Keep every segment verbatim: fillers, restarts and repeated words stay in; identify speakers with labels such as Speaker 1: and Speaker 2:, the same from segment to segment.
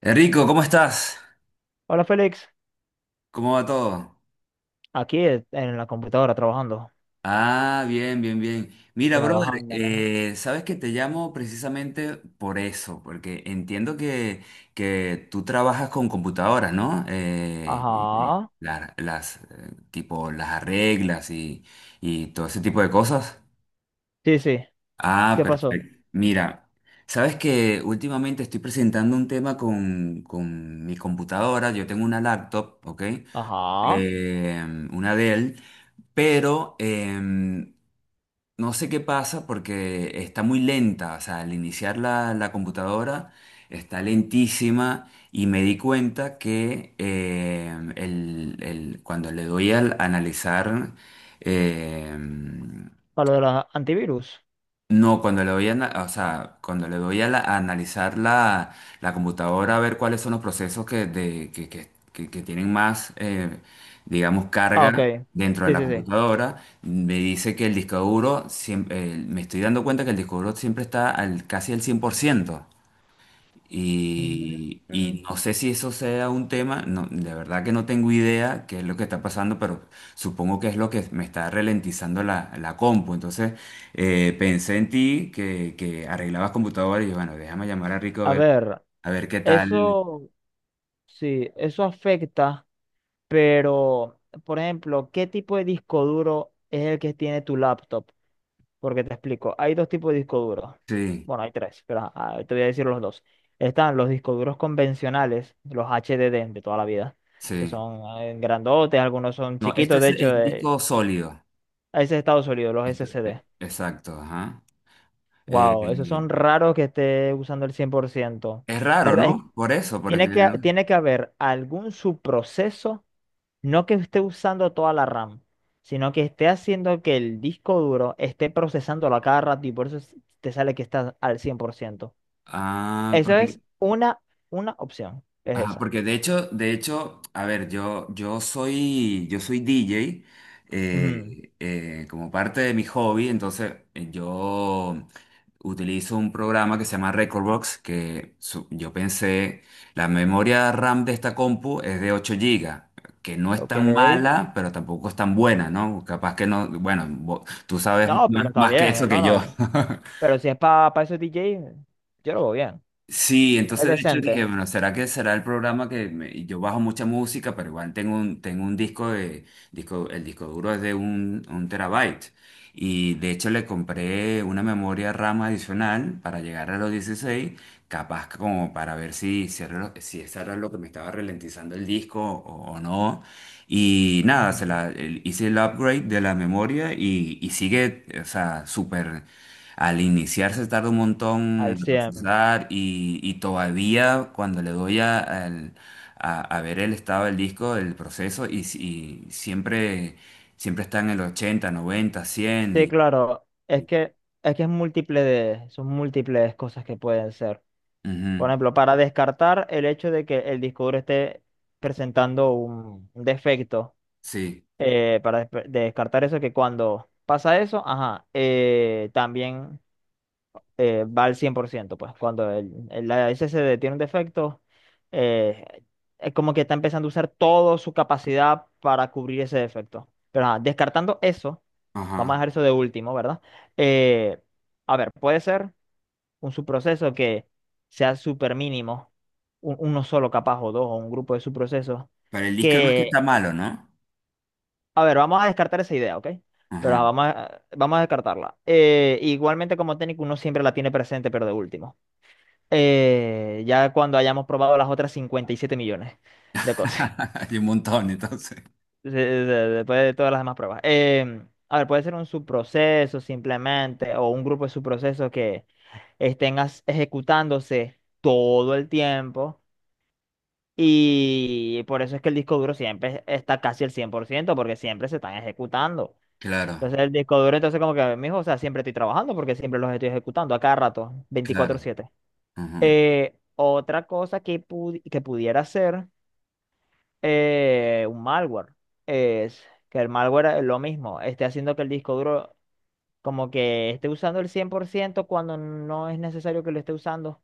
Speaker 1: Enrico, ¿cómo estás?
Speaker 2: Hola Félix,
Speaker 1: ¿Cómo va todo?
Speaker 2: aquí e- en la computadora trabajando,
Speaker 1: Ah, bien, bien, bien. Mira, brother,
Speaker 2: trabajando, ¿no?
Speaker 1: eh, sabes que te llamo precisamente por eso, porque entiendo que, que tú trabajas con computadoras, ¿no? Eh, y- y
Speaker 2: Ajá,
Speaker 1: la- las, eh, tipo, las arreglas y, y todo ese tipo de cosas.
Speaker 2: sí, sí,
Speaker 1: Ah,
Speaker 2: ¿qué pasó?
Speaker 1: perfecto. Mira, sabes que últimamente estoy presentando un tema con, con mi computadora. Yo tengo una laptop, ¿ok?
Speaker 2: Ajá,
Speaker 1: Eh, una Dell. Pero em, no sé qué pasa porque está muy lenta, o sea, al iniciar la, la computadora está lentísima y me di cuenta que em, el- el- cuando le doy al analizar, em,
Speaker 2: para lo de la antivirus.
Speaker 1: no, cuando le voy a, ana- o sea, cuando le voy a, la- a analizar la, la computadora, a ver cuáles son los procesos que, de- que, que- que- que tienen más, eh, digamos,
Speaker 2: Ah, ok,
Speaker 1: carga dentro de
Speaker 2: sí,
Speaker 1: la
Speaker 2: sí, sí.
Speaker 1: computadora, me dice que el disco duro, siem- eh, me estoy dando cuenta que el disco duro siempre está al, casi al cien por ciento. Y,
Speaker 2: Mm.
Speaker 1: y no sé si eso sea un tema, no, de verdad que no tengo idea qué es lo que está pasando, pero supongo que es lo que me está ralentizando la, la compu. Entonces eh, pensé en ti que, que arreglabas computadoras y yo, bueno, déjame llamar a Rico a
Speaker 2: A
Speaker 1: ver,
Speaker 2: ver,
Speaker 1: a ver qué tal.
Speaker 2: eso, sí, eso afecta. Pero, por ejemplo, ¿qué tipo de disco duro es el que tiene tu laptop? Porque te explico, hay dos tipos de disco duros.
Speaker 1: Sí,
Speaker 2: Bueno, hay tres, pero ajá, te voy a decir los dos. Están los discos duros convencionales, los H D D de toda la vida, que
Speaker 1: sí.
Speaker 2: son eh, grandotes, algunos son
Speaker 1: No, este
Speaker 2: chiquitos,
Speaker 1: es,
Speaker 2: de hecho,
Speaker 1: es
Speaker 2: eh,
Speaker 1: disco sólido.
Speaker 2: ese es Estados Unidos, los
Speaker 1: Esto- eh,
Speaker 2: S S D.
Speaker 1: exacto, ajá.
Speaker 2: Wow, esos
Speaker 1: Eh,
Speaker 2: son raros que esté usando el cien por ciento.
Speaker 1: es raro,
Speaker 2: ¿Verdad? Es-
Speaker 1: ¿no? Por eso, porque...
Speaker 2: tiene que,
Speaker 1: ¿no?
Speaker 2: tiene que haber algún subproceso. No que esté usando toda la RAM, sino que esté haciendo que el disco duro esté procesándolo a cada rato y por eso es- te sale que está al cien por ciento.
Speaker 1: Ah,
Speaker 2: Esa
Speaker 1: porque
Speaker 2: es una, una opción, es
Speaker 1: ajá,
Speaker 2: esa.
Speaker 1: porque de hecho, de hecho, a ver, yo, yo soy, yo soy D J,
Speaker 2: Ujú.
Speaker 1: eh, eh, como parte de mi hobby, entonces eh, yo utilizo un programa que se llama Recordbox, que su- yo pensé, la memoria RAM de esta compu es de ocho gigas, que no es
Speaker 2: Ok.
Speaker 1: tan mala, pero tampoco es tan buena, ¿no? Capaz que no, bueno, vo- tú sabes
Speaker 2: No,
Speaker 1: más
Speaker 2: pero está
Speaker 1: más que
Speaker 2: bien, eh,
Speaker 1: eso
Speaker 2: no,
Speaker 1: que yo.
Speaker 2: no. Pero si es para esos D J, yo lo veo bien.
Speaker 1: Sí,
Speaker 2: Es
Speaker 1: entonces de hecho dije,
Speaker 2: decente.
Speaker 1: bueno, ¿será que será el programa que me- y yo bajo mucha música, pero igual tengo un, tengo un disco de, disco, el disco duro es de un, un terabyte. Y de hecho le compré una memoria RAM adicional para llegar a los dieciséis, capaz como para ver si, si, era lo, si eso era lo que me estaba ralentizando el disco o, o no. Y nada,
Speaker 2: Ujú.
Speaker 1: se la, el- hice el upgrade de la memoria y, y sigue, o sea, súper al iniciar se tarda un montón
Speaker 2: Al
Speaker 1: en
Speaker 2: cien.
Speaker 1: procesar y, y todavía cuando le doy a, al- a- a ver el estado del disco, el proceso, y, si- y siempre, siempre está en el ochenta, noventa, cien
Speaker 2: Sí,
Speaker 1: y...
Speaker 2: claro. Es
Speaker 1: y-
Speaker 2: que, es que es múltiple de, son múltiples cosas que pueden ser. Por
Speaker 1: ujú,
Speaker 2: ejemplo, para descartar el hecho de que el disco duro esté presentando un un defecto,
Speaker 1: sí,
Speaker 2: eh, para despe- descartar eso, que cuando pasa eso, ajá, eh, también eh, va al cien por ciento, pues cuando el, el S S D tiene un defecto, eh, es como que está empezando a usar toda su capacidad para cubrir ese defecto. Pero ajá, descartando eso, vamos a
Speaker 1: ajá.
Speaker 2: dejar eso de último, ¿verdad? Eh, a ver, puede ser un subproceso que sea súper mínimo, un- uno solo capaz o dos o un grupo de subprocesos,
Speaker 1: Pero el disco no es que está
Speaker 2: que,
Speaker 1: malo, ¿no?
Speaker 2: a ver, vamos a descartar esa idea, ¿ok? Pero la
Speaker 1: Ajá.
Speaker 2: vamos a, vamos a descartarla. Eh, igualmente como técnico uno siempre la tiene presente, pero de último. Eh, ya cuando hayamos probado las otras cincuenta y siete millones de cosas,
Speaker 1: Hay un montón, entonces.
Speaker 2: de- de- de- después de todas las demás pruebas. Em, a ver, puede ser un subproceso simplemente, o un grupo de subprocesos que estén as- ejecutándose todo el tiempo. Y por eso es que el disco duro siempre está casi el cien por ciento porque siempre se están ejecutando.
Speaker 1: Claro,
Speaker 2: Entonces el disco duro, entonces como que, mijo, o sea, siempre estoy trabajando porque siempre los estoy ejecutando a cada rato, veinticuatro
Speaker 1: claro.
Speaker 2: siete
Speaker 1: Ujú.
Speaker 2: Eh, otra cosa que, pu- que pudiera ser eh, un malware es que el malware es lo mismo, esté haciendo que el disco duro como que esté usando el cien por ciento cuando no es necesario que lo esté usando.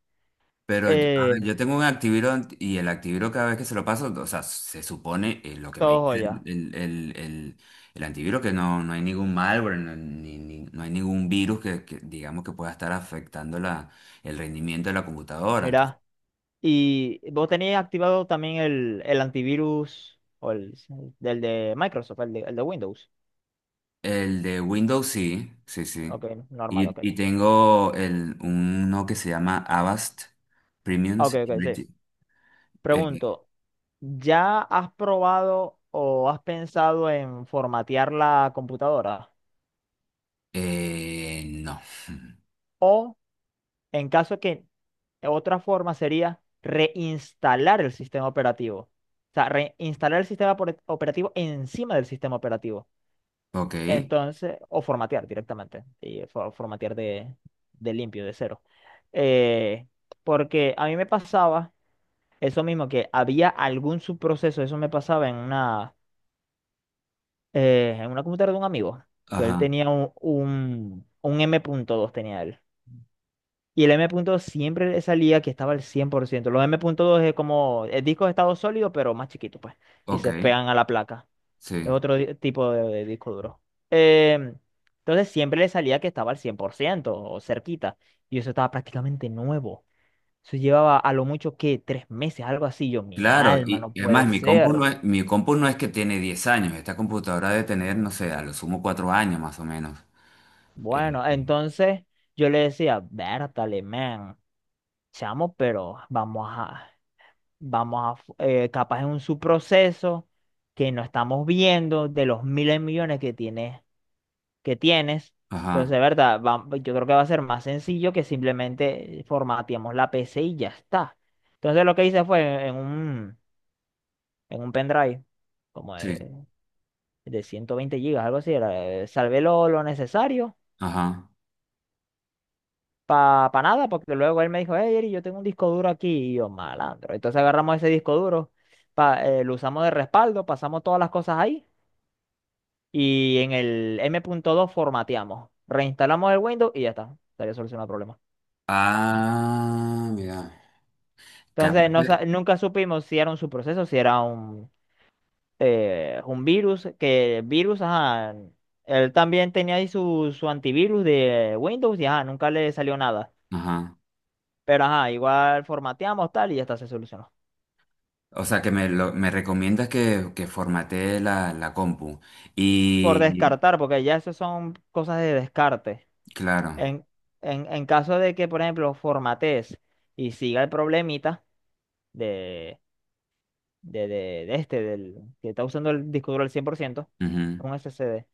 Speaker 1: Pero, yo- a ver,
Speaker 2: Eh,
Speaker 1: yo tengo un Activiro ant- y el Activiro cada vez que se lo paso, o sea, se supone eh, lo que me
Speaker 2: todo
Speaker 1: dice el,
Speaker 2: joya.
Speaker 1: el, el, el- el antiviro, que no, no hay ningún malware, no, ni- ni- no hay ningún virus que, que, digamos que pueda estar afectando la, el rendimiento de la computadora. Entonces,
Speaker 2: Mira. Y vos tenéis activado también el, el antivirus o el del de Microsoft, el de, el de Windows.
Speaker 1: el de Windows sí, sí, sí.
Speaker 2: Ok, normal,
Speaker 1: Y,
Speaker 2: ok.
Speaker 1: y tengo el, uno que se llama Avast Premium
Speaker 2: Ok, ok, sí.
Speaker 1: Security. Eh,
Speaker 2: Pregunto, ¿ya has probado o has pensado en formatear la computadora?
Speaker 1: eh, no.
Speaker 2: O en caso que otra forma sería reinstalar el sistema operativo. O sea, reinstalar el sistema opera- operativo encima del sistema operativo.
Speaker 1: Ok.
Speaker 2: Entonces, o formatear directamente, y fo- formatear de, de limpio, de cero. Eh, porque a mí me pasaba eso mismo, que había algún subproceso, eso me pasaba en una, eh, en una computadora de un amigo, que él
Speaker 1: Ajá.
Speaker 2: tenía un, un, un M punto dos tenía él. Y el M M.dos siempre le salía que estaba al cien por ciento. Los M punto dos es como el disco de estado sólido, pero más chiquito, pues, y
Speaker 1: Ok.
Speaker 2: se pegan a la placa. Es
Speaker 1: Sí.
Speaker 2: otro di- tipo de, de disco duro. Em, entonces siempre le salía que estaba al cien por ciento o cerquita. Y eso estaba prácticamente nuevo. Eso llevaba a lo mucho que tres meses, algo así. Yo, mi
Speaker 1: Claro,
Speaker 2: alma,
Speaker 1: y,
Speaker 2: no
Speaker 1: y además
Speaker 2: puede
Speaker 1: mi compu
Speaker 2: ser.
Speaker 1: no es, mi compu no es que tiene diez años, esta computadora debe tener, no sé, a lo sumo cuatro años más o menos. Eh,
Speaker 2: Bueno,
Speaker 1: eh,
Speaker 2: entonces yo le decía, Bertale, man, chamo, pero vamos a, vamos a, eh, capaz es un subproceso que no estamos viendo de los miles de millones que tiene que tienes. Entonces, de
Speaker 1: ajá,
Speaker 2: verdad, va- yo creo que va a ser más sencillo que simplemente formateamos la P C y ya está. Entonces, lo que hice fue en un, en un pendrive, como
Speaker 1: sí,
Speaker 2: de, de ciento veinte gigas, algo así, era, eh, salvé lo, lo necesario
Speaker 1: ajá.
Speaker 2: para nada, porque luego él me dijo, hey, Eri, yo tengo un disco duro aquí, y yo, malandro. Entonces, agarramos ese disco duro, pa- eh, lo usamos de respaldo, pasamos todas las cosas ahí, y en el M punto dos formateamos, reinstalamos el Windows y ya está, estaría solucionado el problema.
Speaker 1: Ah, mira, capaz
Speaker 2: Entonces, no, sa-
Speaker 1: de-
Speaker 2: nunca supimos si era un subproceso, si era un, eh, un virus, que el virus, ajá, él también tenía ahí su, su antivirus de Windows y ajá, nunca le salió nada.
Speaker 1: ajá.
Speaker 2: Pero ajá, igual formateamos tal y ya está, se solucionó.
Speaker 1: O sea, que me, lo- me recomiendas que, que formatee la, la compu.
Speaker 2: Por
Speaker 1: Y,
Speaker 2: descartar, porque ya eso son cosas de descarte.
Speaker 1: claro,
Speaker 2: En, en, en caso de que, por ejemplo, formatees y siga el problemita de, de, de, de este, del, que está usando el disco duro al cien por ciento
Speaker 1: ujú,
Speaker 2: un S S D.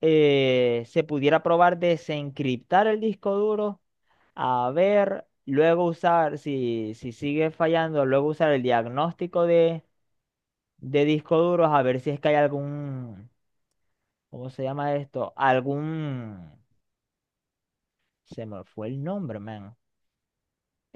Speaker 2: eh, Se pudiera probar desencriptar el disco duro, a ver, luego usar, si, si sigue fallando, luego usar el diagnóstico de, de disco duros, a ver si es que hay algún, ¿cómo se llama esto? Algún, se me fue el nombre, man.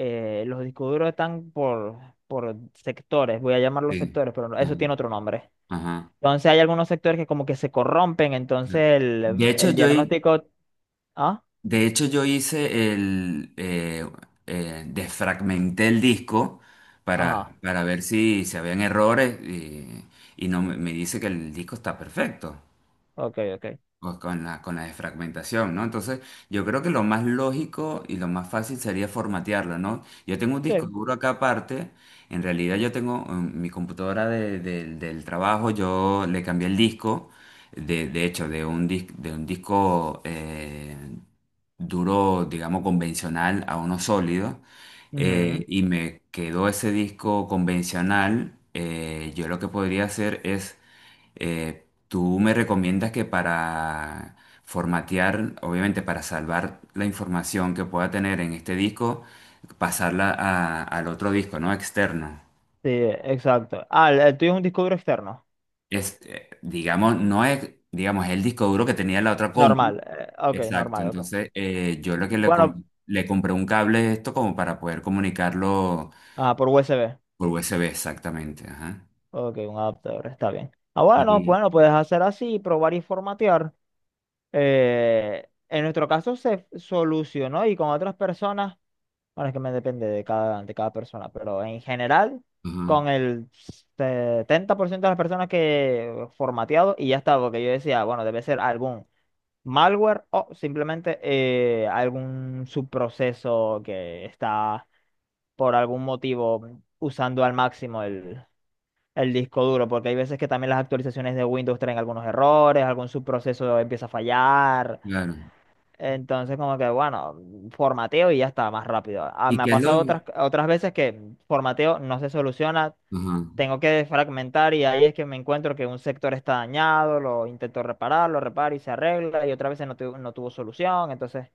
Speaker 2: Eh, los discos duros están por, por sectores, voy a llamarlos
Speaker 1: sí,
Speaker 2: sectores, pero no-
Speaker 1: ajá,
Speaker 2: eso tiene otro nombre.
Speaker 1: ajá.
Speaker 2: Entonces hay algunos sectores que como que se corrompen, entonces
Speaker 1: De
Speaker 2: el,
Speaker 1: hecho,
Speaker 2: el
Speaker 1: yo,
Speaker 2: diagnóstico... Ah,
Speaker 1: de hecho, yo hice el... eh, eh, desfragmenté el disco para,
Speaker 2: ajá,
Speaker 1: para ver si, si habían errores y, y no me me dice que el disco está perfecto
Speaker 2: ok, ok.
Speaker 1: pues, con la, con la desfragmentación, ¿no? Entonces, yo creo que lo más lógico y lo más fácil sería formatearlo, ¿no? Yo tengo un disco
Speaker 2: Sí.
Speaker 1: duro acá aparte. En realidad yo tengo mm, mi computadora de- del del trabajo, yo le cambié el disco. De, de hecho, de un, dis- de un disco eh, duro, digamos, convencional a uno sólido. Eh,
Speaker 2: Ujú.
Speaker 1: y me quedó ese disco convencional. eh, yo lo que podría hacer es, eh, tú me recomiendas que para formatear, obviamente para salvar la información que pueda tener en este disco, pasarla a- al otro disco, ¿no? Externo.
Speaker 2: Sí, exacto. Ah, el, el tuyo es un disco duro externo.
Speaker 1: Este, digamos, no es, digamos, es el disco duro que tenía la otra
Speaker 2: Normal.
Speaker 1: compu.
Speaker 2: Eh, ok,
Speaker 1: Exacto,
Speaker 2: normal, ok.
Speaker 1: entonces eh, yo lo que le,
Speaker 2: Bueno,
Speaker 1: com- le compré un cable de esto como para poder comunicarlo
Speaker 2: ah, por U S B.
Speaker 1: por U S B, exactamente, ajá.
Speaker 2: Ok, un adaptador, está bien. Ah, bueno,
Speaker 1: Y,
Speaker 2: bueno, puedes hacer así, probar y formatear. Eh, en nuestro caso se solucionó y con otras personas, bueno, es que me depende de cada, de cada persona, pero en general,
Speaker 1: ajá,
Speaker 2: con el setenta por ciento de las personas que formateado y ya está, porque yo decía, bueno, debe ser algún malware o simplemente eh, algún subproceso que está por algún motivo usando al máximo el, el disco duro, porque hay veces que también las actualizaciones de Windows traen algunos errores, algún subproceso empieza a fallar.
Speaker 1: claro.
Speaker 2: Entonces, como que, bueno, formateo y ya está, más rápido. Ah,
Speaker 1: ¿Y
Speaker 2: me ha
Speaker 1: qué es
Speaker 2: pasado
Speaker 1: lo,
Speaker 2: otras, otras veces que formateo no se soluciona,
Speaker 1: ajá?
Speaker 2: tengo que fragmentar y ahí es que me encuentro que un sector está dañado, lo intento reparar, lo reparo y se arregla y otra vez no, tu- no tuvo solución, entonces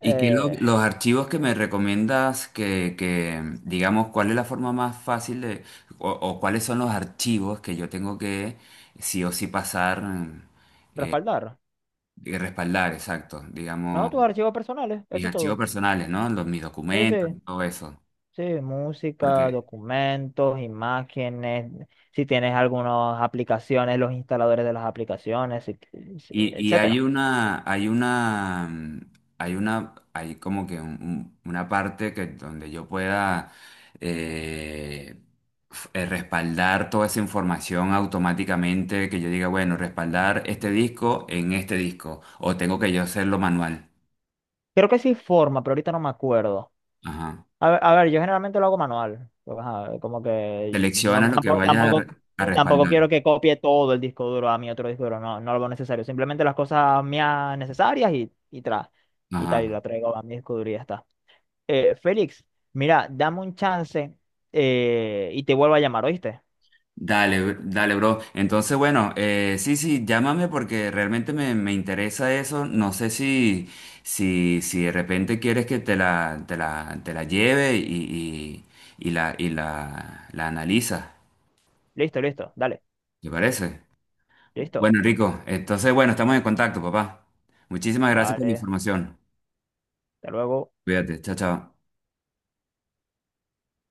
Speaker 1: ¿Y qué lo-
Speaker 2: eh,
Speaker 1: los archivos que me recomiendas que, que, digamos, cuál es la forma más fácil de, o, o cuáles son los archivos que yo tengo que sí o sí pasar,
Speaker 2: respaldar.
Speaker 1: eh, respaldar, exacto,
Speaker 2: No,
Speaker 1: digamos?
Speaker 2: tus archivos personales,
Speaker 1: Mis
Speaker 2: eso es
Speaker 1: archivos
Speaker 2: todo.
Speaker 1: personales, ¿no? Los, mis
Speaker 2: Sí,
Speaker 1: documentos
Speaker 2: sí,
Speaker 1: y todo eso.
Speaker 2: sí, música,
Speaker 1: Porque,
Speaker 2: documentos, imágenes, si tienes algunas aplicaciones, los instaladores de las aplicaciones, si- si-
Speaker 1: y, y hay
Speaker 2: etcétera.
Speaker 1: una, hay una, mm, hay una, hay como que un- un- una parte que donde yo pueda eh, f- eh, respaldar toda esa información automáticamente, que yo diga, bueno, respaldar este disco en este disco, o tengo que yo hacerlo manual.
Speaker 2: Creo que sí forma, pero ahorita no me acuerdo.
Speaker 1: Ajá.
Speaker 2: A ver, a ver, yo generalmente lo hago manual. Pues, ajá, como que
Speaker 1: Selecciona
Speaker 2: no,
Speaker 1: lo que
Speaker 2: tampoco,
Speaker 1: vaya a, re-
Speaker 2: tampoco,
Speaker 1: a
Speaker 2: sí, tampoco
Speaker 1: respaldar.
Speaker 2: quiero que copie todo el disco duro a mi otro disco duro. No, no lo veo necesario. Simplemente las cosas mías necesarias y, y tra- y tal, y
Speaker 1: Ajá.
Speaker 2: lo traigo a mi disco duro y ya está. Eh, Félix, mira, dame un chance eh, y te vuelvo a llamar, ¿oíste?
Speaker 1: Dale, br- dale, bro. Entonces, bueno, eh, sí, sí, llámame porque realmente me, me interesa eso. No sé si, si, si de repente quieres que te la, te la, te la lleve y, y, y la, y la, la analiza.
Speaker 2: Listo, listo, dale,
Speaker 1: ¿Te parece?
Speaker 2: listo,
Speaker 1: Bueno, Rico, entonces, bueno, estamos en contacto, papá. Muchísimas gracias por la
Speaker 2: dale,
Speaker 1: información.
Speaker 2: hasta luego.
Speaker 1: Cuídate, chao, chao.